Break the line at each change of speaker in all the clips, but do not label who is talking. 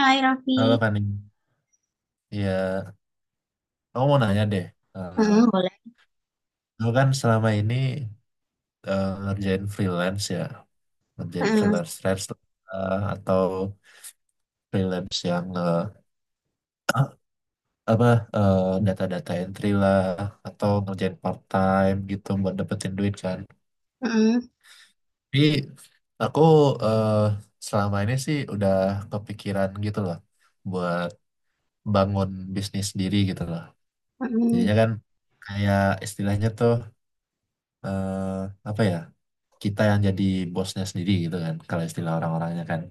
Hai Raffi.
Halo Fani, ya aku mau nanya deh. Eh
Heeh, boleh.
Lo kan selama ini ngerjain freelance ya, ngerjain
Heeh,
freelance freelance atau freelance yang apa eh, data-data entry lah atau ngerjain part time gitu buat dapetin duit kan.
heeh,
Tapi aku eh, selama ini sih udah kepikiran gitu loh buat bangun bisnis sendiri gitu loh.
heeh,
Jadinya kan kayak istilahnya tuh eh, apa ya? Kita yang jadi bosnya sendiri gitu kan, kalau istilah orang-orangnya kan,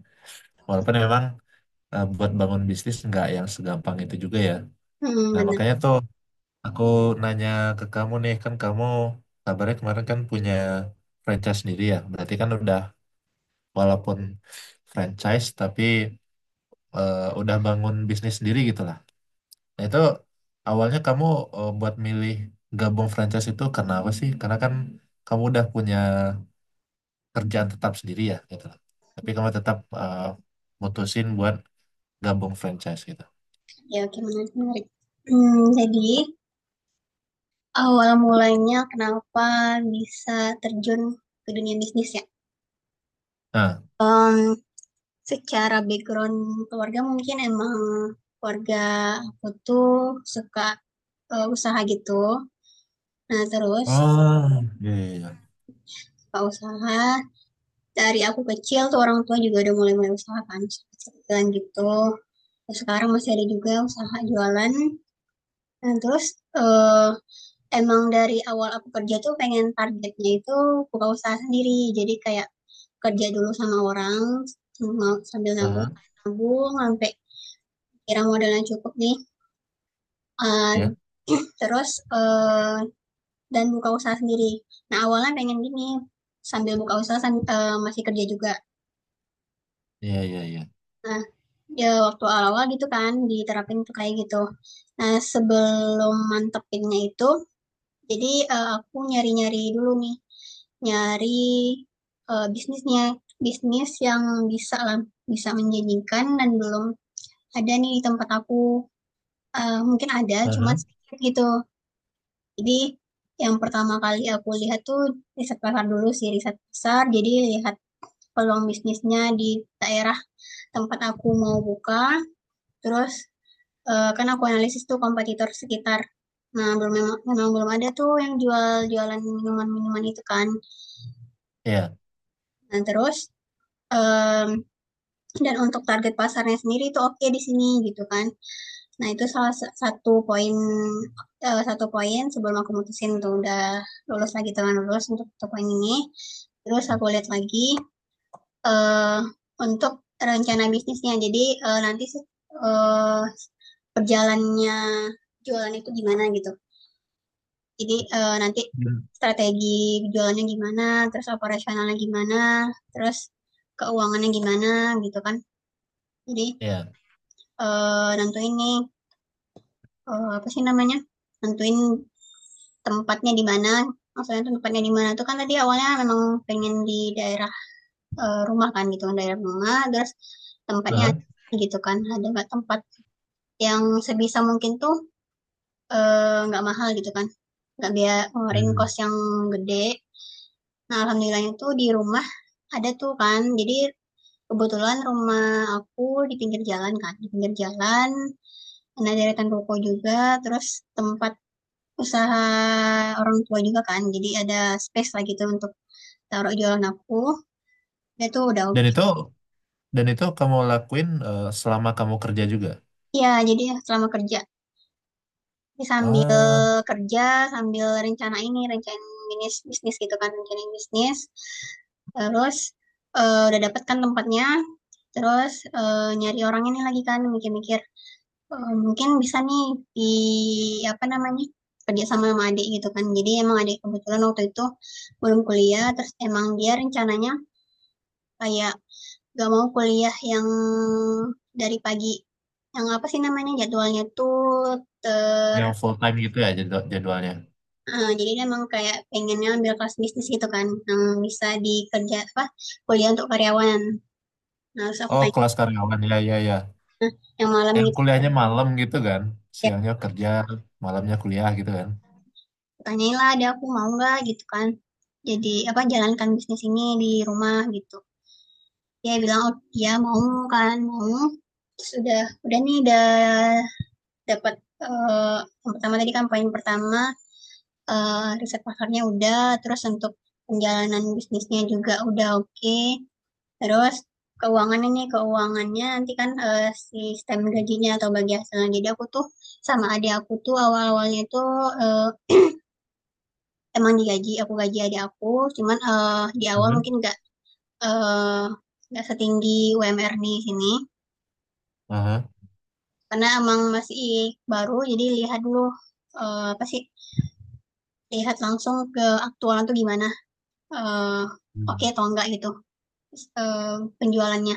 walaupun memang buat bangun bisnis nggak yang segampang itu juga ya.
heeh,
Nah
bener.
makanya tuh aku nanya ke kamu nih, kan kamu kabarnya kemarin kan punya franchise sendiri ya, berarti kan udah, walaupun franchise tapi udah bangun bisnis sendiri gitu lah. Nah itu awalnya kamu buat milih gabung franchise itu karena apa sih, karena kan kamu udah punya kerjaan tetap sendiri ya gitu lah. Tapi kamu tetap mutusin buat gabung franchise gitu.
Ya, oke, menarik, menarik. Hmm, jadi awal mulanya kenapa bisa terjun ke dunia bisnis ya?
Nah.
Em, secara background keluarga mungkin emang keluarga aku tuh suka usaha gitu. Nah terus
Oh, iya iya iya.
suka usaha dari aku kecil tuh orang tua juga udah mulai-mulai usaha kan, kecil-kecilan gitu. Terus sekarang masih ada juga usaha jualan. Nah, terus, eee, emang dari awal aku kerja tuh pengen targetnya itu buka usaha sendiri. Jadi kayak kerja dulu sama orang, sama sambil nabung
Aha,
kan, nabung sampai kira modalnya cukup nih, eee,
iya.
terus, dan buka usaha sendiri. Nah, awalnya pengen gini, sambil buka usaha masih kerja juga.
Iya iya iya.
Nah, ya waktu awal-awal gitu kan diterapin tuh kayak gitu. Nah, sebelum mantepinnya itu, jadi, aku nyari-nyari dulu nih, nyari, bisnisnya, bisnis yang bisa lah, bisa menjanjikan dan belum ada nih di tempat aku, mungkin ada cuma
Aha,
sedikit gitu. Jadi, yang pertama kali aku lihat tuh riset pasar dulu sih, riset pasar, jadi lihat peluang bisnisnya di daerah tempat aku mau buka, terus, kan aku analisis tuh kompetitor sekitar. Nah, belum, memang memang belum ada tuh yang jual jualan minuman-minuman itu kan.
iya.
Nah, terus, mmm, dan untuk target pasarnya sendiri itu oke okay di sini gitu kan. Nah, itu salah satu poin, satu poin sebelum aku mutusin tuh udah lulus lagi, teman-teman lulus untuk satu poin ini. Terus aku lihat lagi, eee, untuk rencana bisnisnya. Jadi, nanti sih, eee, jualan itu gimana gitu. Jadi, nanti
Hmm,
strategi jualannya gimana, terus operasionalnya gimana, terus keuangannya gimana gitu kan. Jadi,
Iya.
nentuin nih, apa sih namanya, nentuin tempatnya di mana, maksudnya tempatnya di mana tuh kan, tadi awalnya memang pengen di daerah, rumah kan gitu kan, daerah rumah terus tempatnya
Aha.
gitu kan, ada nggak tempat yang sebisa mungkin tuh, nggak mahal gitu kan, nggak biar ngeluarin kos
Hmm.
yang gede. Nah, alhamdulillahnya tuh di rumah ada tuh kan, jadi kebetulan rumah aku di pinggir jalan kan, di pinggir jalan, nah deretan ruko juga, terus tempat usaha orang tua juga kan, jadi ada space-lah gitu untuk taruh jualan aku, ya itu udah
Dan
ok.
itu kamu lakuin selama kamu kerja juga.
Iya, jadi selama kerja, jadi sambil
Ah,
kerja, sambil rencana ini, rencana bisnis bisnis gitu kan, rencana bisnis, terus, udah dapet kan tempatnya, terus, nyari orang ini lagi kan, mikir-mikir. Mungkin bisa nih di apa namanya, kerja sama sama adik gitu kan. Jadi emang adik kebetulan waktu itu belum kuliah, terus emang dia rencananya kayak gak mau kuliah yang dari pagi, yang apa sih namanya, jadwalnya tuh. ter
yang full time gitu ya jadwalnya.
heeh, jadi dia emang kayak pengennya ambil kelas bisnis gitu kan, yang bisa dikerja apa, kuliah untuk karyawan. Nah, terus aku
Oh,
tanya
kelas karyawan ya ya ya.
yang malam
Yang
gitu.
kuliahnya malam gitu kan. Siangnya kerja, malamnya kuliah gitu kan.
Tanyain lah dia aku mau nggak gitu kan, jadi apa jalankan bisnis ini di rumah gitu, dia bilang oh dia mau kan, mau. Terus udah nih udah dapat, eh, yang pertama tadi kan poin pertama, riset pasarnya udah, terus untuk penjalanan bisnisnya juga udah oke okay. Terus keuangannya nih, keuangannya nanti kan, sistem gajinya atau bagi hasilnya, jadi aku tuh sama adik aku tuh awal-awalnya tuh, eh, Emang digaji, aku gaji adik aku, cuman, di awal
Mhm.
mungkin nggak, eee, nggak setinggi UMR di sini,
Aha.
karena emang masih baru, jadi lihat dulu, apa sih, lihat langsung ke aktualan tuh gimana, eee, oke
Hmm.
okay atau enggak gitu, terus penjualannya.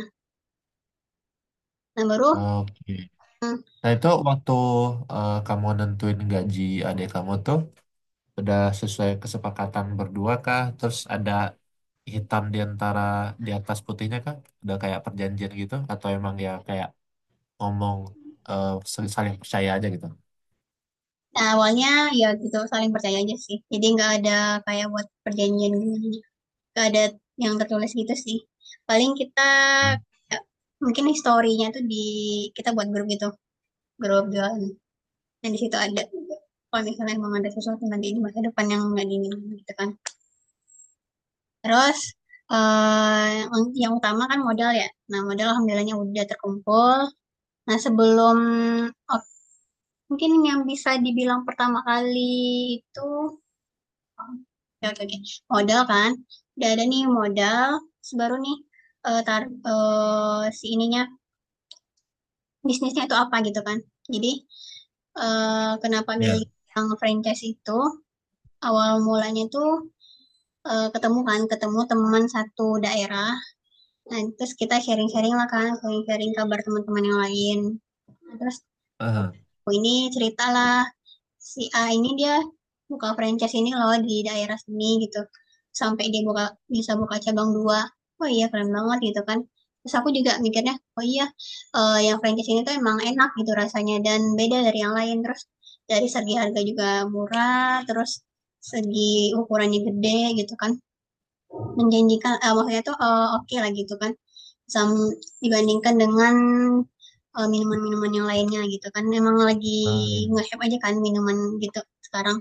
Nah baru,
Oke. Nah itu waktu kamu nentuin gaji adik kamu tuh udah sesuai kesepakatan berdua kah? Terus ada hitam di antara di atas putihnya kah? Udah kayak perjanjian gitu? Atau emang ya kayak ngomong eh, saling percaya aja gitu?
nah awalnya ya gitu, saling percaya aja sih, jadi nggak ada kayak buat perjanjian gimana, nggak ada yang tertulis gitu sih. Paling kita,
Hmm,
ya, mungkin historinya tuh di kita buat grup gitu, gerobak. Nah, di situ ada juga, kalau misalnya emang ada sesuatu nanti di masa depan yang nggak diinginkan gitu kan, terus eh yang utama kan modal ya. Nah, modal alhamdulillahnya udah terkumpul. Nah, sebelum, oh, mungkin yang bisa dibilang pertama kali itu, oke oke oke. Modal kan udah ada nih, modal terus baru nih, eh tar si ininya, bisnisnya itu apa gitu kan, jadi, kenapa
iya.
milih yang franchise itu, awal mulanya itu, ketemu kan, ketemu teman satu daerah. Nah, terus kita sharing-sharing lah kan, sharing-sharing kabar teman-teman yang lain. Nah, terus
Aha.
aku ini ceritalah si A ini dia buka franchise ini loh di daerah sini gitu. Sampai dia buka bisa buka cabang dua. Wah, iya keren banget gitu kan. Terus aku juga mikirnya, oh iya, yang franchise ini tuh emang enak gitu rasanya dan beda dari yang lain. Terus dari segi harga juga murah, terus segi ukurannya gede gitu kan, menjanjikan, maksudnya tuh, oke okay lah gitu kan. Sam- Dibandingkan dengan, minuman-minuman yang lainnya gitu kan, emang lagi
Hmm,
nge-hype aja kan minuman gitu sekarang.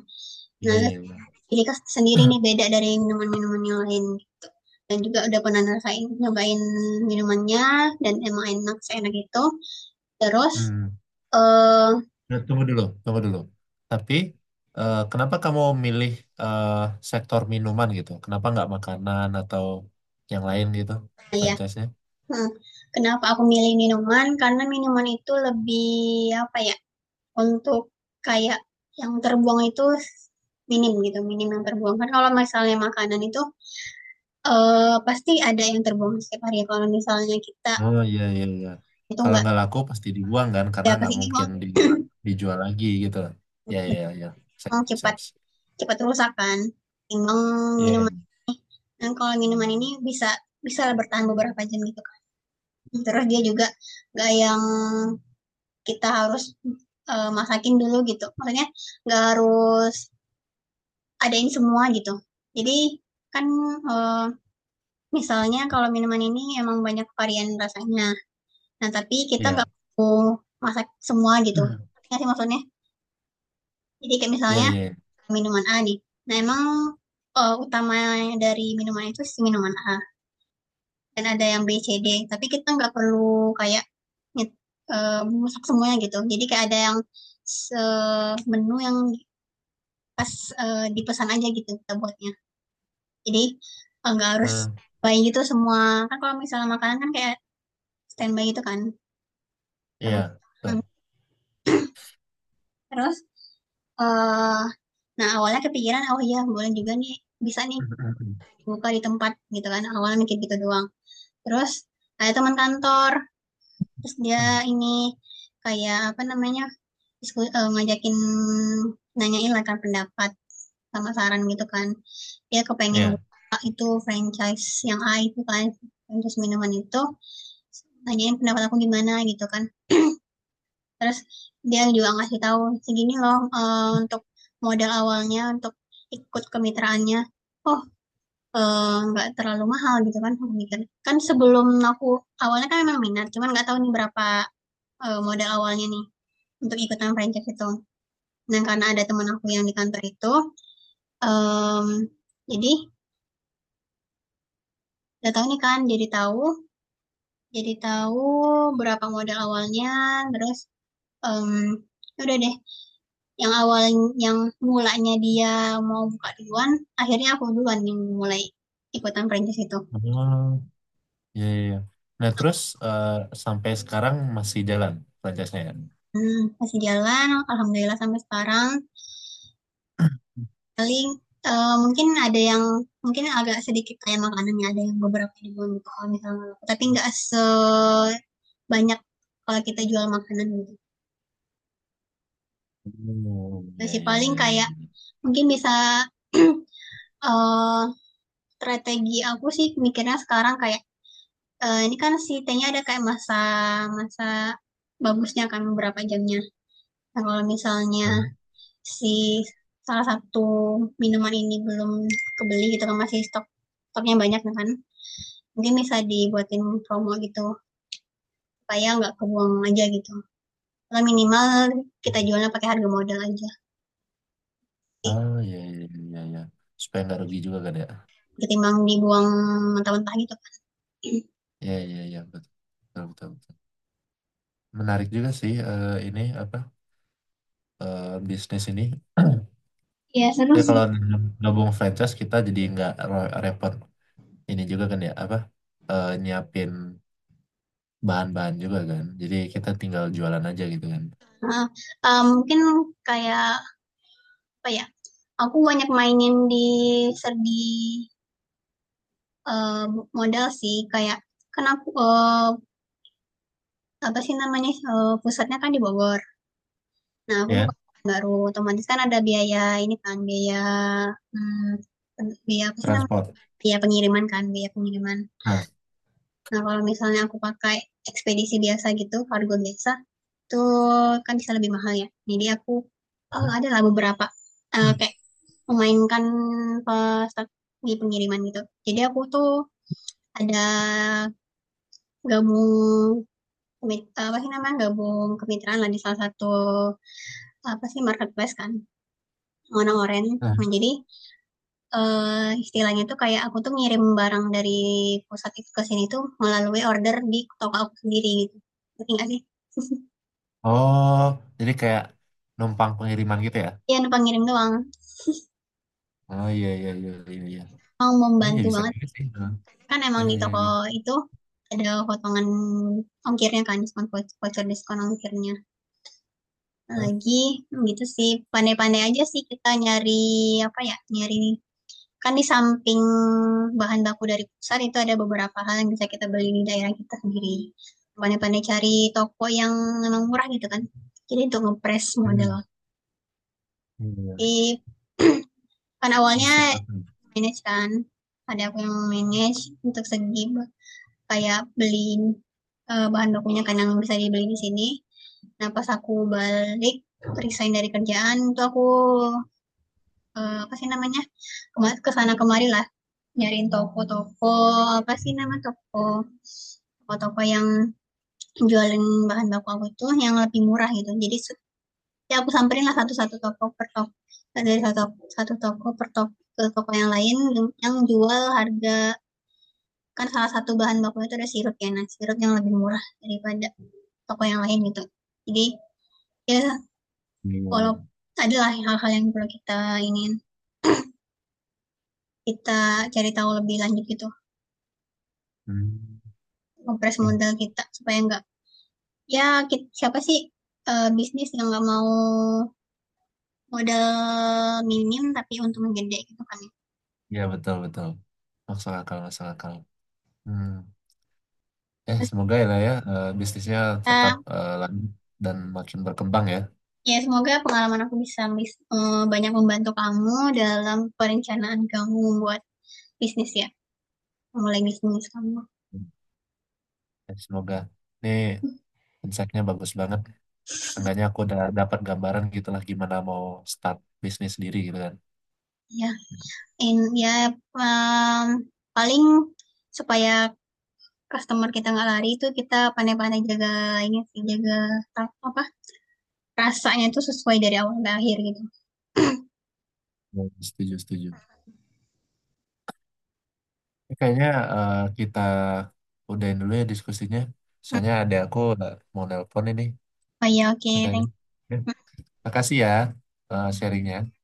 iya
Nah
iya,
terus
iya.
Erika sendiri nih beda dari minuman-minuman yang lain gitu, dan juga udah pernah ngerasain, nyobain minumannya dan emang enak seenak itu. Terus
Hmm.
eh
Nah, tunggu dulu, tunggu dulu. Tapi kenapa kamu milih eh, sektor minuman gitu? Kenapa nggak makanan atau yang lain gitu
ya,
franchise-nya?
hmm, kenapa aku milih minuman, karena minuman itu lebih apa ya, untuk kayak yang terbuang itu minim gitu, minim yang terbuang. Kan kalau misalnya makanan itu, pasti ada yang terbuang setiap hari ya, kalau misalnya kita
Oh iya iya iya.
itu
Kalau
nggak
nggak laku pasti dibuang kan karena
ada
nggak
pasti
mungkin
dibuang.
dijual lagi gitu. Iya iya
Betul,
iya. Sense,
cepat
sense.
cepat rusak kan. Timbang minuman,
Iya
dan kalau minuman ini bisa, bertahan beberapa jam gitu kan. Terus dia juga nggak yang kita harus, masakin dulu gitu, maksudnya nggak harus adain semua gitu. Jadi kan, eee, Misalnya kalau minuman ini emang banyak varian rasanya. Nah, tapi
iya
kita
iya
nggak perlu masak semua gitu. Ngerti nggak sih maksudnya? Jadi kayak
iya.
misalnya
Iya.
minuman A nih. Nah, emang, utama dari minuman itu si minuman A, dan ada yang B, C, D, tapi kita nggak perlu kayak, nyet masak semuanya gitu. Jadi kayak ada yang menu yang, dipesan aja gitu kita buatnya. Jadi, nggak harus
Hmm,
buy gitu semua. Kan kalau misalnya makanan kan kayak standby gitu kan.
iya
Karena
betul.
Terus, eee, nah awalnya kepikiran, "Oh iya boleh juga nih, bisa nih buka di tempat," gitu kan, awalnya mikir gitu doang. Terus ada teman kantor, terus dia ini, kayak apa namanya, ngajakin, nanyain lah kan pendapat sama saran gitu kan. Dia kepengen
Iya.
buka itu franchise yang A itu kan, franchise minuman itu, nanyain pendapat aku gimana gitu kan. Terus dia juga ngasih tahu, "Segini loh, untuk modal awalnya untuk ikut kemitraannya." Oh, nggak terlalu mahal gitu kan aku mikir. Kan sebelum aku awalnya kan emang minat, cuman nggak tahu nih berapa, modal awalnya nih untuk ikutan franchise itu. Nah, karena ada teman aku yang di kantor itu, mmm, jadi udah tahu nih kan, jadi tahu berapa modal awalnya, terus, Mmm, udah deh, yang awal yang mulanya dia mau buka duluan, akhirnya aku duluan yang mulai ikutan perintis itu.
Oh iya iya, iya. Nah terus eh, sampai sekarang masih jalan franchise-nya ya?
Masih jalan alhamdulillah sampai sekarang, paling, mungkin ada yang mungkin agak sedikit kayak makanannya, ada yang beberapa ribuan gitu kalau misalnya, tapi nggak sebanyak kalau kita jual makanan gitu.
Oh iya
Masih
iya
paling
iya iya,
kayak
iya.
mungkin bisa, eee, strategi aku sih mikirnya sekarang kayak, ini kan si T-nya ada kayak masa masa bagusnya kan beberapa jamnya. Nah, kalau misalnya
Aha.
si salah satu minuman ini belum kebeli gitu kan, masih stoknya banyak ya kan, mungkin bisa dibuatin promo gitu, supaya nggak kebuang aja gitu. Kalau minimal kita jualnya pakai harga modal aja,
Oh iya iya iya iya. Supaya nggak rugi juga kan ya?
ketimbang dibuang mentah-mentah gitu kan.
Iya iya iya betul betul betul, betul. Menarik juga sih ini apa? Bisnis ini.
Iya, seru
Ya
sih.
kalau gabung franchise kita jadi nggak repot ini juga kan ya apa nyiapin bahan-bahan juga kan, jadi kita tinggal jualan aja gitu kan.
Heeh, mungkin kayak, apa ya, aku banyak mainin di Eee, modal sih kayak kenapa aku, apa sih namanya, pusatnya kan di Bogor. Nah, aku buka
Ya
baru, otomatis kan ada biaya ini kan, biaya, mmm, biaya apa sih namanya,
transport.
biaya pengiriman kan, biaya pengiriman.
Nah.
Nah, kalau misalnya aku pakai ekspedisi biasa gitu, kargo biasa, tuh kan bisa lebih mahal ya. Jadi aku, adalah beberapa,
Hmm.
kayak memainkan pas di pengiriman gitu. Jadi aku tuh ada gabung, Kemit apa sih namanya, gabung kemitraan lah di salah satu, apa sih, marketplace kan, warna oranye.
Nah.
Nah, jadi, istilahnya tuh kayak aku tuh ngirim barang dari pusat itu ke sini tuh melalui order di toko aku sendiri gitu, ngerti nggak sih?
Oh, jadi kayak numpang pengiriman gitu ya.
Iya, numpang ngirim doang.
Oh iya iya iya iya iya.
Mau
Oh, iya
membantu
bisa
banget,
juga sih Bang.
kan emang
Iya
di
iya
toko
iya.
itu ada potongan ongkirnya kan, diskon voucher diskon ongkirnya.
Oh,
Lagi gitu sih, pandai-pandai aja sih kita nyari, apa ya, nyari, kan di samping bahan baku dari pusat itu ada beberapa hal yang bisa kita beli di daerah kita sendiri. Pandai-pandai cari toko yang memang murah gitu kan. Jadi untuk ngepres modal.
hmm iya iya.
Di Kan awalnya
Masuk akal.
manage kan, ada aku yang manage untuk segi kayak beli, bahan bakunya kan yang bisa dibeli di sini. Nah pas aku balik resign dari kerjaan itu aku, apa sih namanya, kesana kemari lah, nyariin toko-toko, apa sih nama toko-toko yang jualin bahan baku aku tuh yang lebih murah gitu, ya aku samperin lah satu-satu toko per toko, dari satu satu toko per toko ke toko yang lain yang jual harga, kan salah satu bahan baku itu ada sirup ya, nah sirup yang lebih murah daripada toko yang lain gitu. Jadi ya,
Iya iya iya.
kalau adalah hal-hal yang perlu kita ingin kita cari tahu lebih lanjut gitu,
Hmm,
ngepres modal kita supaya nggak. Ya, siapa sih, bisnis yang nggak mau modal minim tapi untungnya gede gitu kan ya.
ya betul betul. Masuk akal, masuk akal. Hmm.
Terus
Semoga ya lah ya bisnisnya tetap
kita,
lanjut dan makin berkembang ya.
ya semoga pengalaman aku bisa, banyak membantu kamu dalam perencanaan kamu buat bisnis ya, mulai bisnis kamu.
Semoga. Ini insight-nya bagus banget. Seenggaknya aku udah dapat gambaran gitu lah gimana mau start bisnis sendiri gitu kan.
Ya, in ya, mmm, paling supaya customer kita nggak lari itu kita pandai-pandai jaga ini sih, jaga, ra apa, rasanya itu sesuai dari awal ke akhir gitu.
Hmm, setuju, setuju. Kayaknya kita udahin dulu ya diskusinya.
Mhm,
Soalnya ada aku mau nelpon ini
oh ya, oke,
katanya.
thank
Ya,
you.
makasih ya sharingnya.